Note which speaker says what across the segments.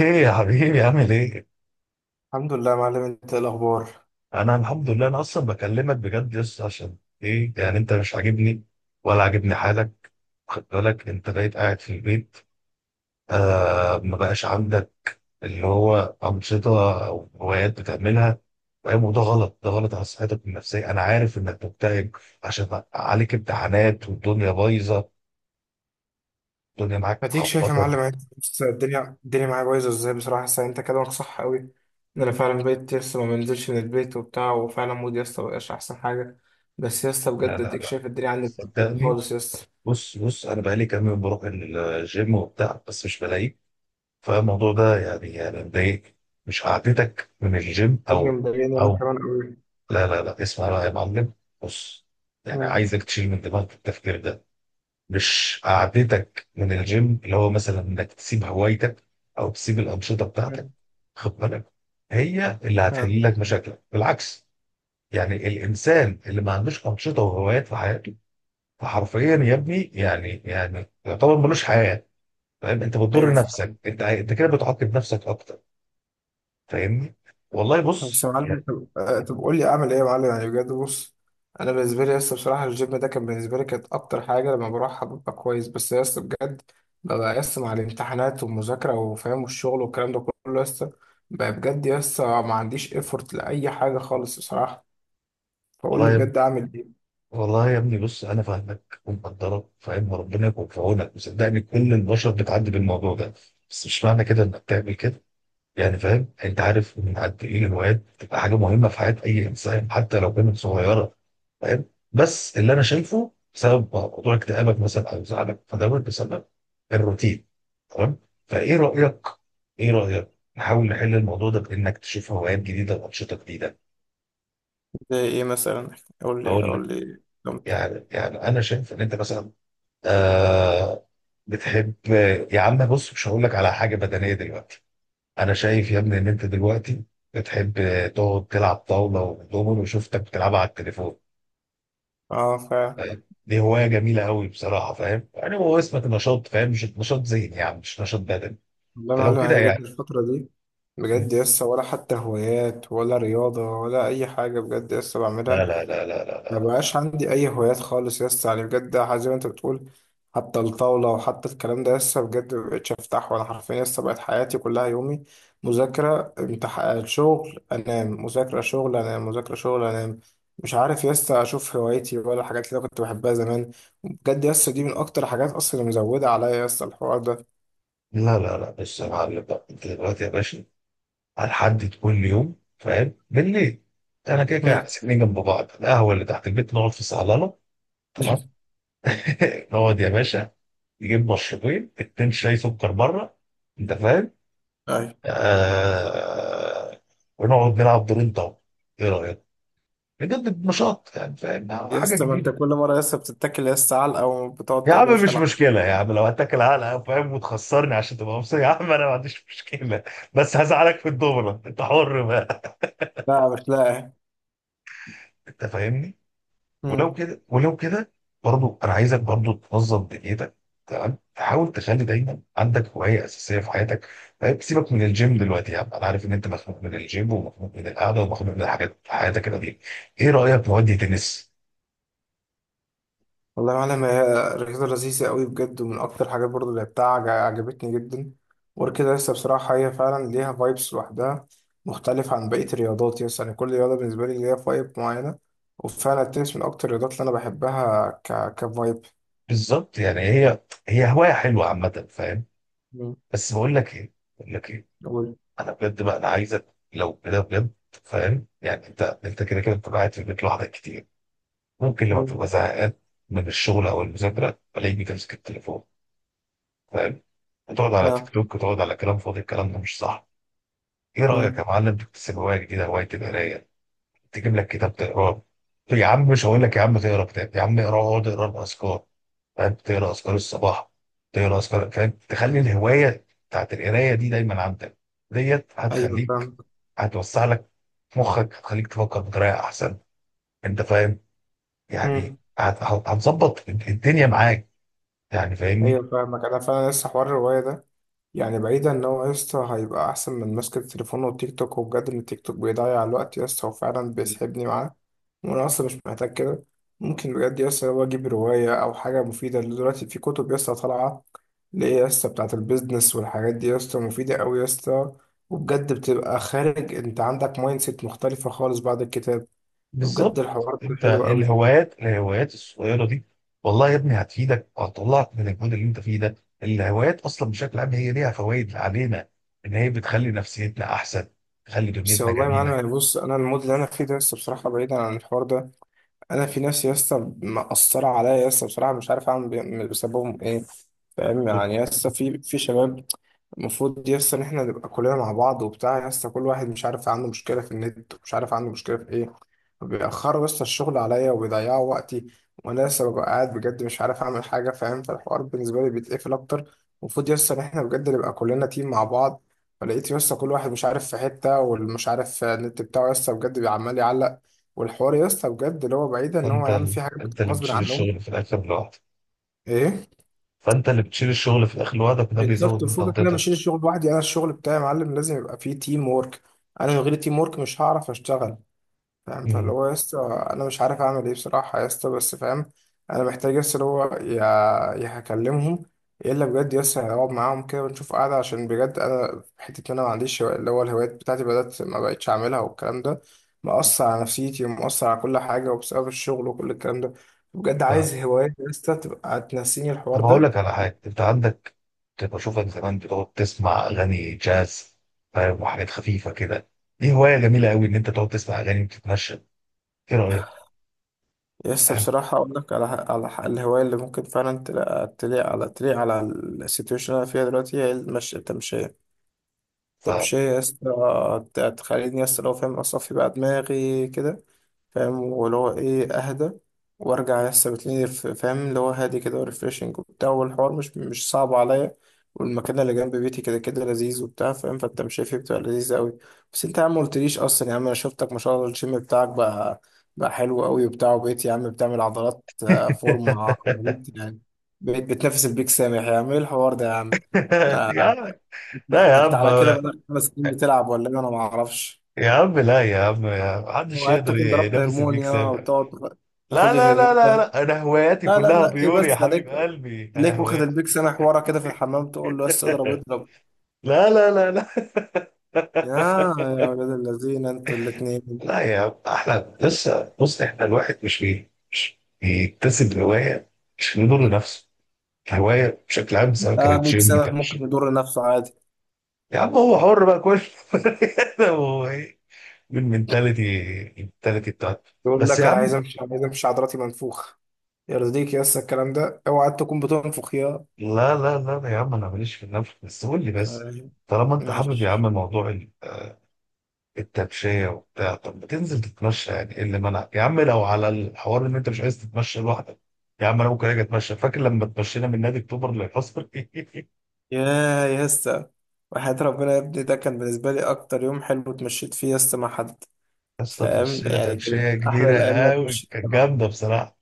Speaker 1: ايه يا حبيبي عامل ايه؟
Speaker 2: الحمد لله يا معلم، انت ايه الاخبار؟
Speaker 1: انا الحمد لله. انا اصلا بكلمك بجد يس عشان ايه، يعني انت مش عاجبني ولا عاجبني حالك. خد بالك، انت بقيت قاعد في البيت. ما بقاش عندك اللي هو انشطه او هوايات بتعملها. فاهم؟ وده غلط، ده غلط على صحتك النفسيه. انا عارف انك مكتئب عشان عليك امتحانات والدنيا بايظه. الدنيا معاك
Speaker 2: هديك شايف يا
Speaker 1: مخبطه.
Speaker 2: معلم يعني بص، الدنيا معايا بايظه ازاي بصراحه. بس انت كلامك صح قوي ان انا فعلا بقيت لسه ما بنزلش من البيت وبتاع، وفعلا مودي لسه ما بقاش احسن حاجه. بس لسه
Speaker 1: لا،
Speaker 2: بجد
Speaker 1: لا،
Speaker 2: اديك
Speaker 1: لا،
Speaker 2: شايف الدنيا عندي
Speaker 1: صدقني.
Speaker 2: خالص لسه.
Speaker 1: بص، بص، انا بقالي كام يوم بروح الجيم وبتاع بس مش بلاقيك. فالموضوع ده يعني مضايق. مش قعدتك من الجيم
Speaker 2: الدنيا
Speaker 1: او
Speaker 2: مضايقاني انا
Speaker 1: او
Speaker 2: كمان قوي.
Speaker 1: لا، لا، لا، اسمع بقى يا معلم. بص، يعني
Speaker 2: مم.
Speaker 1: عايزك تشيل من دماغك التفكير ده. مش قعدتك من الجيم اللي هو مثلا انك تسيب هوايتك او تسيب الانشطه بتاعتك.
Speaker 2: مم.
Speaker 1: خد بالك، هي اللي
Speaker 2: اه.
Speaker 1: هتحل لك مشاكلك بالعكس. يعني الانسان اللي ما عندوش انشطه وهوايات في حياته، فحرفيا يا ابني يعني يعتبر ملوش حياه. فاهم؟ انت بتضر
Speaker 2: ايوه.
Speaker 1: نفسك. انت انت كده بتعاقب نفسك اكتر. فاهمني؟ والله
Speaker 2: بس
Speaker 1: بص
Speaker 2: يا معلم
Speaker 1: يعني.
Speaker 2: طب طب قول لي اعمل ايه يا معلم يعني بجد بص. انا بالنسبه لي لسه بصراحه الجيم ده كان بالنسبه لي كانت اكتر حاجه لما بروحها ببقى كويس. بس لسه بجد ببقى لسه مع الامتحانات والمذاكره وفاهم والشغل والكلام ده كله لسه. بقى بجد لسه ما عنديش ايفورت لاي حاجه خالص بصراحه. فقول لي
Speaker 1: والله يا
Speaker 2: بجد اعمل ايه.
Speaker 1: والله يا ابني، بص، انا فاهمك ومقدرك. فاهم؟ وربنا يكون في عونك، وصدقني كل البشر بتعدي بالموضوع ده. بس مش معنى كده انك تعمل كده. يعني فاهم؟ انت عارف من قد ايه الهوايات بتبقى حاجه مهمه في حياه اي انسان، حتى لو كانت صغيره. فاهم؟ بس اللي انا شايفه، بسبب موضوع اكتئابك مثلا او زعلك فدوت، بسبب الروتين. تمام؟ فايه رايك ايه رايك نحاول نحل الموضوع ده بانك تشوف هوايات جديده وانشطه جديده؟
Speaker 2: زي ايه مثلا؟ قول لي
Speaker 1: اقول
Speaker 2: قول
Speaker 1: لك.
Speaker 2: لي نمط.
Speaker 1: يعني انا شايف ان انت مثلا، آه بتحب. يا عم بص، مش هقول لك على حاجه بدنيه دلوقتي. انا شايف يا ابني ان انت دلوقتي بتحب تقعد تلعب طاوله ودومينو، وشفتك بتلعبها على التليفون.
Speaker 2: اه فعلا.
Speaker 1: فاهم؟ دي هوايه جميله قوي بصراحه. فاهم؟ يعني هو اسمك نشاط، فاهم؟ مش نشاط ذهني، يعني مش نشاط بدني.
Speaker 2: والله يا
Speaker 1: فلو
Speaker 2: معلم
Speaker 1: كده
Speaker 2: انا بجد
Speaker 1: يعني.
Speaker 2: الفتره دي بجد لسه ولا حتى هوايات ولا رياضه ولا اي حاجه بجد لسه
Speaker 1: لا،
Speaker 2: بعملها.
Speaker 1: لا، لا، لا، لا،
Speaker 2: ما
Speaker 1: لا،
Speaker 2: بقاش عندي اي هوايات خالص يا اسطى، يعني بجد زي ما انت بتقول. حتى الطاوله وحتى الكلام ده لسه بجد ما بقتش افتحه. انا حرفيا لسه بقت حياتي كلها يومي مذاكره امتحان شغل انام، مذاكره شغل انام، مذاكره شغل انام. مش عارف يا اسطى اشوف هوايتي ولا الحاجات اللي أنا كنت بحبها زمان. بجد يا اسطى دي من اكتر حاجات اصلا اللي مزوده عليا يا اسطى الحوار ده.
Speaker 1: لا، لا، لا. بص يا معلم بقى، انت دلوقتي يا باشا، هنحدد كل يوم فاهم، بالليل. انا كده كده إحنا
Speaker 2: مم.
Speaker 1: ساكنين جنب بعض، القهوه اللي تحت البيت نقعد في صالونه. تمام؟ نقعد يا باشا، نجيب مشروبين اتنين شاي سكر بره. انت فاهم؟
Speaker 2: اي.
Speaker 1: آه... ونقعد نلعب دورين طاوله. ايه رايك؟ بجد نشاط يعني، فاهم،
Speaker 2: يا
Speaker 1: حاجه
Speaker 2: اسطى ما انت
Speaker 1: جديده.
Speaker 2: كل مره يا اسطى بتتكل يا اسطى علقه وبتقعد
Speaker 1: يا
Speaker 2: تقول لي
Speaker 1: عم
Speaker 2: مش
Speaker 1: مش
Speaker 2: هلعب.
Speaker 1: مشكله يا عم، لو هتاكل علقه فاهم وتخسرني عشان تبقى مبسوط، يا عم انا ما عنديش مشكله. بس هزعلك في الدوره، انت حر بقى.
Speaker 2: لا مش لاقي.
Speaker 1: انت فاهمني؟ ولو
Speaker 2: مم.
Speaker 1: كده ولو كده برضو انا عايزك برضو تنظم دنيتك. تمام؟ تحاول تخلي دايما عندك هوايه اساسيه في حياتك. طيب سيبك من الجيم دلوقتي يا عم. انا عارف ان انت مخنوق من الجيم ومخنوق من القعده ومخنوق من الحاجات في حياتك كده دي. ايه رايك نودي تنس؟
Speaker 2: والله يا معلم هي رياضة لذيذة قوي بجد، ومن أكتر الحاجات برضه اللي لعبتها عجبتني جدا. وغير كده لسه بصراحة هي فعلا ليها فايبس لوحدها. مختلف عن بقية الرياضات يس، يعني كل رياضة بالنسبة لي ليها فايب معينة. وفعلا التنس من أكتر الرياضات اللي أنا بحبها كفايب.
Speaker 1: بالظبط، يعني هي هوايه حلوه عامه، فاهم.
Speaker 2: مم.
Speaker 1: بس بقول لك ايه،
Speaker 2: أقول.
Speaker 1: انا بجد بقى انا عايزك لو كده بجد. فاهم؟ يعني انت كده كده بتبقى قاعد في البيت لوحدك كتير. ممكن لما
Speaker 2: مم.
Speaker 1: تبقى زهقان من الشغل او المذاكره، تلاقيك بتمسك التليفون. فاهم؟ تقعد على تيك
Speaker 2: آه.
Speaker 1: توك وتقعد على كلام فاضي. الكلام ده مش صح. ايه رايك يا
Speaker 2: مم.
Speaker 1: معلم تكتسب هوايه جديده، هوايه القرايه؟ تجيب لك كتاب تقراه. يا عم مش هقول لك يا عم تقرا كتاب يا عم. اقرا، اقعد اقرا الاذكار. فاهم؟ تقرا اذكار الصباح، تقرا اذكار، فاهم. تخلي الهوايه بتاعت القرايه دي دايما عندك. ديت
Speaker 2: أيوه
Speaker 1: هتخليك،
Speaker 2: فاهمك.
Speaker 1: هتوسع لك مخك، هتخليك تفكر بطريقه احسن. انت فاهم؟
Speaker 2: مم.
Speaker 1: يعني هتظبط الدنيا معاك. يعني فاهمني؟
Speaker 2: أيوه فاهمك. أنا فعلا لسه حوار الرواية ده، يعني بعيدا ان هو يا اسطى هيبقى احسن من ماسك التليفون والتيك توك، وبجد ان التيك توك بيضيع الوقت يا اسطى وفعلا بيسحبني معاه. وانا اصلا مش محتاج كده. ممكن بجد يا اسطى لو اجيب روايه او حاجه مفيده اللي دلوقتي في كتب يا اسطى طالعه، اللي هي يا اسطى بتاعه البيزنس والحاجات دي يا اسطى مفيده قوي يا اسطى. وبجد بتبقى خارج انت عندك مايند سيت مختلفه خالص بعد الكتاب. وبجد
Speaker 1: بالظبط.
Speaker 2: الحوار ده
Speaker 1: انت
Speaker 2: حلو
Speaker 1: إيه
Speaker 2: قوي.
Speaker 1: الهوايات الصغيره دي؟ والله يا ابني هتفيدك وهتطلعك من المود اللي انت فيه ده. الهوايات اصلا بشكل عام هي ليها فوائد علينا، ان هي بتخلي نفسيتنا احسن، تخلي
Speaker 2: بس
Speaker 1: دنيتنا
Speaker 2: والله يا معلم
Speaker 1: جميله.
Speaker 2: يعني بص، انا المود اللي انا فيه ده لسه بصراحه بعيدا عن الحوار ده. انا في ناس يا اسطى مأثرة عليا يا اسطى بصراحة مش عارف اعمل بسببهم ايه. فاهم يعني يا اسطى في شباب. المفروض يس ان احنا نبقى كلنا مع بعض وبتاع يس، كل واحد مش عارف عنده مشكله في النت، ومش عارف عنده مشكله في ايه. بيأخروا يس الشغل عليا وبيضيعوا وقتي. وانا لسه ببقى قاعد بجد مش عارف اعمل حاجه فاهم، فالحوار بالنسبه لي بيتقفل اكتر. المفروض يس ان احنا بجد نبقى كلنا تيم مع بعض. فلقيت يس كل واحد مش عارف في حته، واللي مش عارف النت بتاعه يس بجد بيعمال يعلق. والحوار يس بجد اللي هو بعيد ان هو عامل فيه حاجه
Speaker 1: انت
Speaker 2: بتبقى
Speaker 1: اللي
Speaker 2: غصب
Speaker 1: بتشيل
Speaker 2: عنهم.
Speaker 1: الشغل في الاخر لوحدك.
Speaker 2: ايه.
Speaker 1: فانت اللي بتشيل الشغل في الاخر لوحدك، وده
Speaker 2: بالظبط.
Speaker 1: بيزود من
Speaker 2: وفوقك إن انا
Speaker 1: ضغطتك.
Speaker 2: بشيل الشغل لوحدي، انا الشغل بتاعي يا معلم لازم يبقى فيه تيم وورك. انا من غير تيم وورك مش هعرف اشتغل. فاهم، فاللي
Speaker 1: مم.
Speaker 2: هو يا اسطى. انا مش عارف اعمل ايه بصراحه يا اسطى بس فاهم. انا محتاج يا اسطى اللي هو يا هكلمهم، يا الا بجد يا اسطى هقعد معاهم كده ونشوف قعده. عشان بجد انا حته إن انا ما عنديش اللي هو الهوايات بتاعتي بدات ما بقتش اعملها، والكلام ده مأثر على نفسيتي ومأثر على كل حاجه، وبسبب الشغل وكل الكلام ده. بجد عايز هوايات يا اسطى تبقى تنسيني الحوار
Speaker 1: طب اقول
Speaker 2: ده.
Speaker 1: لك على حاجه انت عندك. كنت بشوفك زمان بتقعد تسمع اغاني جاز، فاهم، وحاجات خفيفه كده. دي هوايه جميله قوي ان انت تقعد تسمع اغاني وتتمشى. ايه رايك؟
Speaker 2: يس
Speaker 1: فاهم؟
Speaker 2: بصراحة أقول لك على الهواية اللي ممكن فعلا تلاقي تليق على السيتويشن اللي أنا فيها دلوقتي، هي المشي التمشية.
Speaker 1: ف
Speaker 2: طب شيء يا اسطى تخليني يا اسطى لو فاهم اصفي بقى دماغي كده. فاهم، واللي هو ايه اهدى، وارجع يا اسطى بتلاقيني فاهم اللي هو هادي كده وريفريشنج وبتاع، والحوار مش صعب عليا. والمكان اللي جنب بيتي كده كده لذيذ وبتاع فاهم، فانت مش شايفه بتبقى لذيذ قوي. بس انت يا عم ما قلتليش اصلا، يا عم انا شفتك ما شاء الله الجيم بتاعك بقى حلو قوي وبتاع. وبقيت يا عم بتعمل عضلات فورمه مميتة يعني. بقيت بتنافس البيك سامح، يا عم ايه الحوار ده يا عم؟ ما
Speaker 1: يا عم لا
Speaker 2: لا.
Speaker 1: يا
Speaker 2: انت
Speaker 1: عم
Speaker 2: على كده بقالك 5 سنين بتلعب ولا ايه، انا ما اعرفش.
Speaker 1: يا عم، لا يا عم يا عم. محدش
Speaker 2: وقعدت
Speaker 1: يقدر
Speaker 2: تكون ضربت
Speaker 1: ينافس الميك
Speaker 2: هرمونيا
Speaker 1: سامع.
Speaker 2: وتقعد تاخد
Speaker 1: لا،
Speaker 2: لي
Speaker 1: لا، لا،
Speaker 2: الهرمون ده؟
Speaker 1: لا، لا، انا هواياتي
Speaker 2: لا لا
Speaker 1: كلها
Speaker 2: لا، ايه
Speaker 1: بيور يا
Speaker 2: بس ده
Speaker 1: حبيب
Speaker 2: ليك.
Speaker 1: قلبي. انا
Speaker 2: ليك واخد
Speaker 1: هوايات.
Speaker 2: البيك سنة حوارة كده في الحمام تقول له بس اضرب اضرب.
Speaker 1: لا، لا، لا، لا،
Speaker 2: يا يا ولاد الذين انتوا الاتنين.
Speaker 1: لا. يا، احنا لسه، بص احنا الواحد مش بيكتسب هوايه عشان يضر نفسه. الهوايه بشكل عام، سواء
Speaker 2: اه
Speaker 1: كانت
Speaker 2: بيك
Speaker 1: جيم
Speaker 2: سنة ممكن
Speaker 1: تمشي،
Speaker 2: يضر نفسه عادي.
Speaker 1: يا عم هو حر بقى كل... هو ايه؟ بالمنتاليتي بتاعته
Speaker 2: يقول
Speaker 1: بس يا
Speaker 2: لك انا عايز
Speaker 1: عم.
Speaker 2: امشي عايز امشي عضلاتي منفوخة. يرضيك يا اسطى الكلام ده؟ اوعى تكون بتنفخ يا
Speaker 1: لا، لا، لا، يا عم انا ماليش في النفس، بس قول لي بس.
Speaker 2: آه،
Speaker 1: طالما انت حابب يا عم
Speaker 2: ماشي.
Speaker 1: موضوع التمشية وبتاع، طب ما تنزل تتمشى. يعني ايه اللي منعك يا عم؟ لو على الحوار ان انت مش عايز تتمشى لوحدك، يا عم انا ممكن اجي اتمشى. فاكر لما اتمشينا من نادي اكتوبر للحصر؟
Speaker 2: يا يا اسطى، وحياة ربنا يا ابني ده كان بالنسبة لي أكتر يوم حلو اتمشيت فيه يس مع حد.
Speaker 1: يا اسطى
Speaker 2: فاهم
Speaker 1: اتمشينا
Speaker 2: يعني كان
Speaker 1: تمشية
Speaker 2: أحلى
Speaker 1: كبيرة
Speaker 2: الأيام اللي أنا
Speaker 1: قوي،
Speaker 2: اتمشيت فيها
Speaker 1: كانت
Speaker 2: مع حد.
Speaker 1: جامدة بصراحة،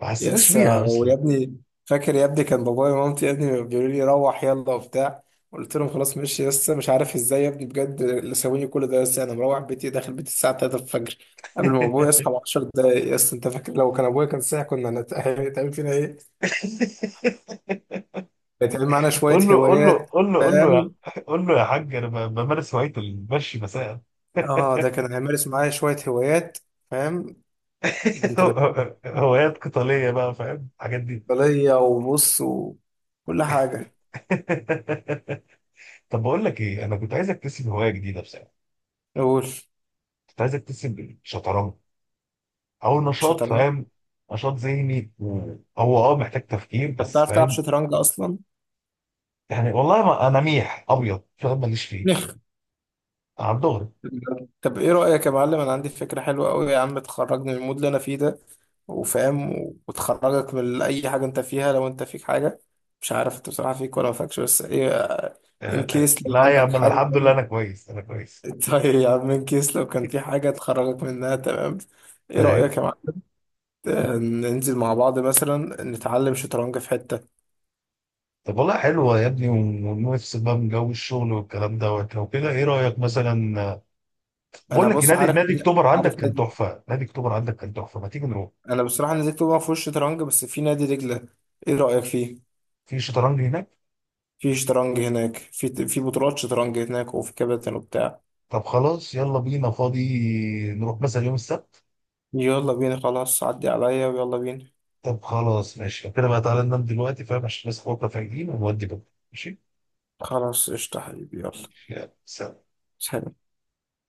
Speaker 1: ما حسيناش
Speaker 2: يس،
Speaker 1: بيها اصلا.
Speaker 2: ويا ابني فاكر يا ابني كان بابايا ومامتي يا ابني بيقولوا لي روح يلا وبتاع. قلت لهم خلاص ماشي يس، مش عارف ازاي يا ابني بجد اللي سويني كل ده يس. أنا مروح بيتي داخل بيتي الساعة 3 الفجر، قبل ما أبويا يصحى ب 10 دقايق يس. أنت فاكر لو كان أبويا كان صاحي هيتعمل فينا إيه؟ هيتعمل معانا شوية
Speaker 1: قول له، قول له،
Speaker 2: هوايات.
Speaker 1: قول له، قول له،
Speaker 2: فاهم؟
Speaker 1: قول له يا حاج انا بمارس هواية المشي مساء.
Speaker 2: اه ده كان هيمارس معايا شوية هوايات. فاهم. بنت لذينه.
Speaker 1: هوايات قتالية بقى، فاهم الحاجات دي.
Speaker 2: بلية وبص وكل حاجة.
Speaker 1: طب بقول لك ايه، انا كنت عايز اكتسب هواية جديدة بصراحة.
Speaker 2: قول.
Speaker 1: كنت عايز اكتسب الشطرنج، او نشاط،
Speaker 2: شطرنج.
Speaker 1: فاهم، نشاط ذهني هو، محتاج تفكير
Speaker 2: طب
Speaker 1: بس،
Speaker 2: بتعرف تلعب
Speaker 1: فاهم.
Speaker 2: شطرنج أصلا؟
Speaker 1: يعني والله ما انا ميح ابيض، فاهم، ماليش فيه
Speaker 2: نخ.
Speaker 1: على الدغري.
Speaker 2: طب إيه رأيك يا معلم؟ أنا عندي فكرة حلوة أوي يا عم تخرجني من المود اللي أنا فيه ده، وفاهم، وتخرجك من أي حاجة أنت فيها لو أنت فيك حاجة. مش عارف أنت بصراحة فيك ولا ما فيكش، بس إيه، إن
Speaker 1: آه،
Speaker 2: كيس لو
Speaker 1: لا يا
Speaker 2: عندك
Speaker 1: عم انا
Speaker 2: حاجة.
Speaker 1: الحمد لله، انا كويس انا كويس.
Speaker 2: طيب يا عم إن كيس لو كان في حاجة تخرجك منها، تمام. إيه
Speaker 1: ايوه.
Speaker 2: رأيك يا معلم؟ ننزل مع بعض مثلا نتعلم شطرنج في حتة.
Speaker 1: طب والله حلوه يا ابني، ونفس بقى من جو الشغل والكلام دوت. لو كده ايه رايك مثلا؟
Speaker 2: انا
Speaker 1: بقول لك إيه،
Speaker 2: بص
Speaker 1: نادي
Speaker 2: عارف
Speaker 1: نادي
Speaker 2: نادي
Speaker 1: اكتوبر عندك
Speaker 2: عارف
Speaker 1: كان
Speaker 2: نادي.
Speaker 1: تحفه، نادي اكتوبر عندك كان تحفه، ما تيجي نروح؟
Speaker 2: انا بصراحه نادي اكتوبر ما فيهوش شطرنج، بس في نادي دجله. ايه رايك فيه؟
Speaker 1: في شطرنج هناك.
Speaker 2: في شطرنج هناك، في بطولات شطرنج هناك وفي كباتن وبتاع.
Speaker 1: طب خلاص يلا بينا فاضي، نروح مثلا يوم السبت.
Speaker 2: يلا بينا خلاص، عدي عليا ويلا بينا.
Speaker 1: طب خلاص ماشي لو كده بقى، تعالى ننام دلوقتي فاهم، عشان نصحى بكره فايقين ونودي بكره. ماشي،
Speaker 2: خلاص قشطه حبيبي، يلا
Speaker 1: يلا سلام.
Speaker 2: سلام.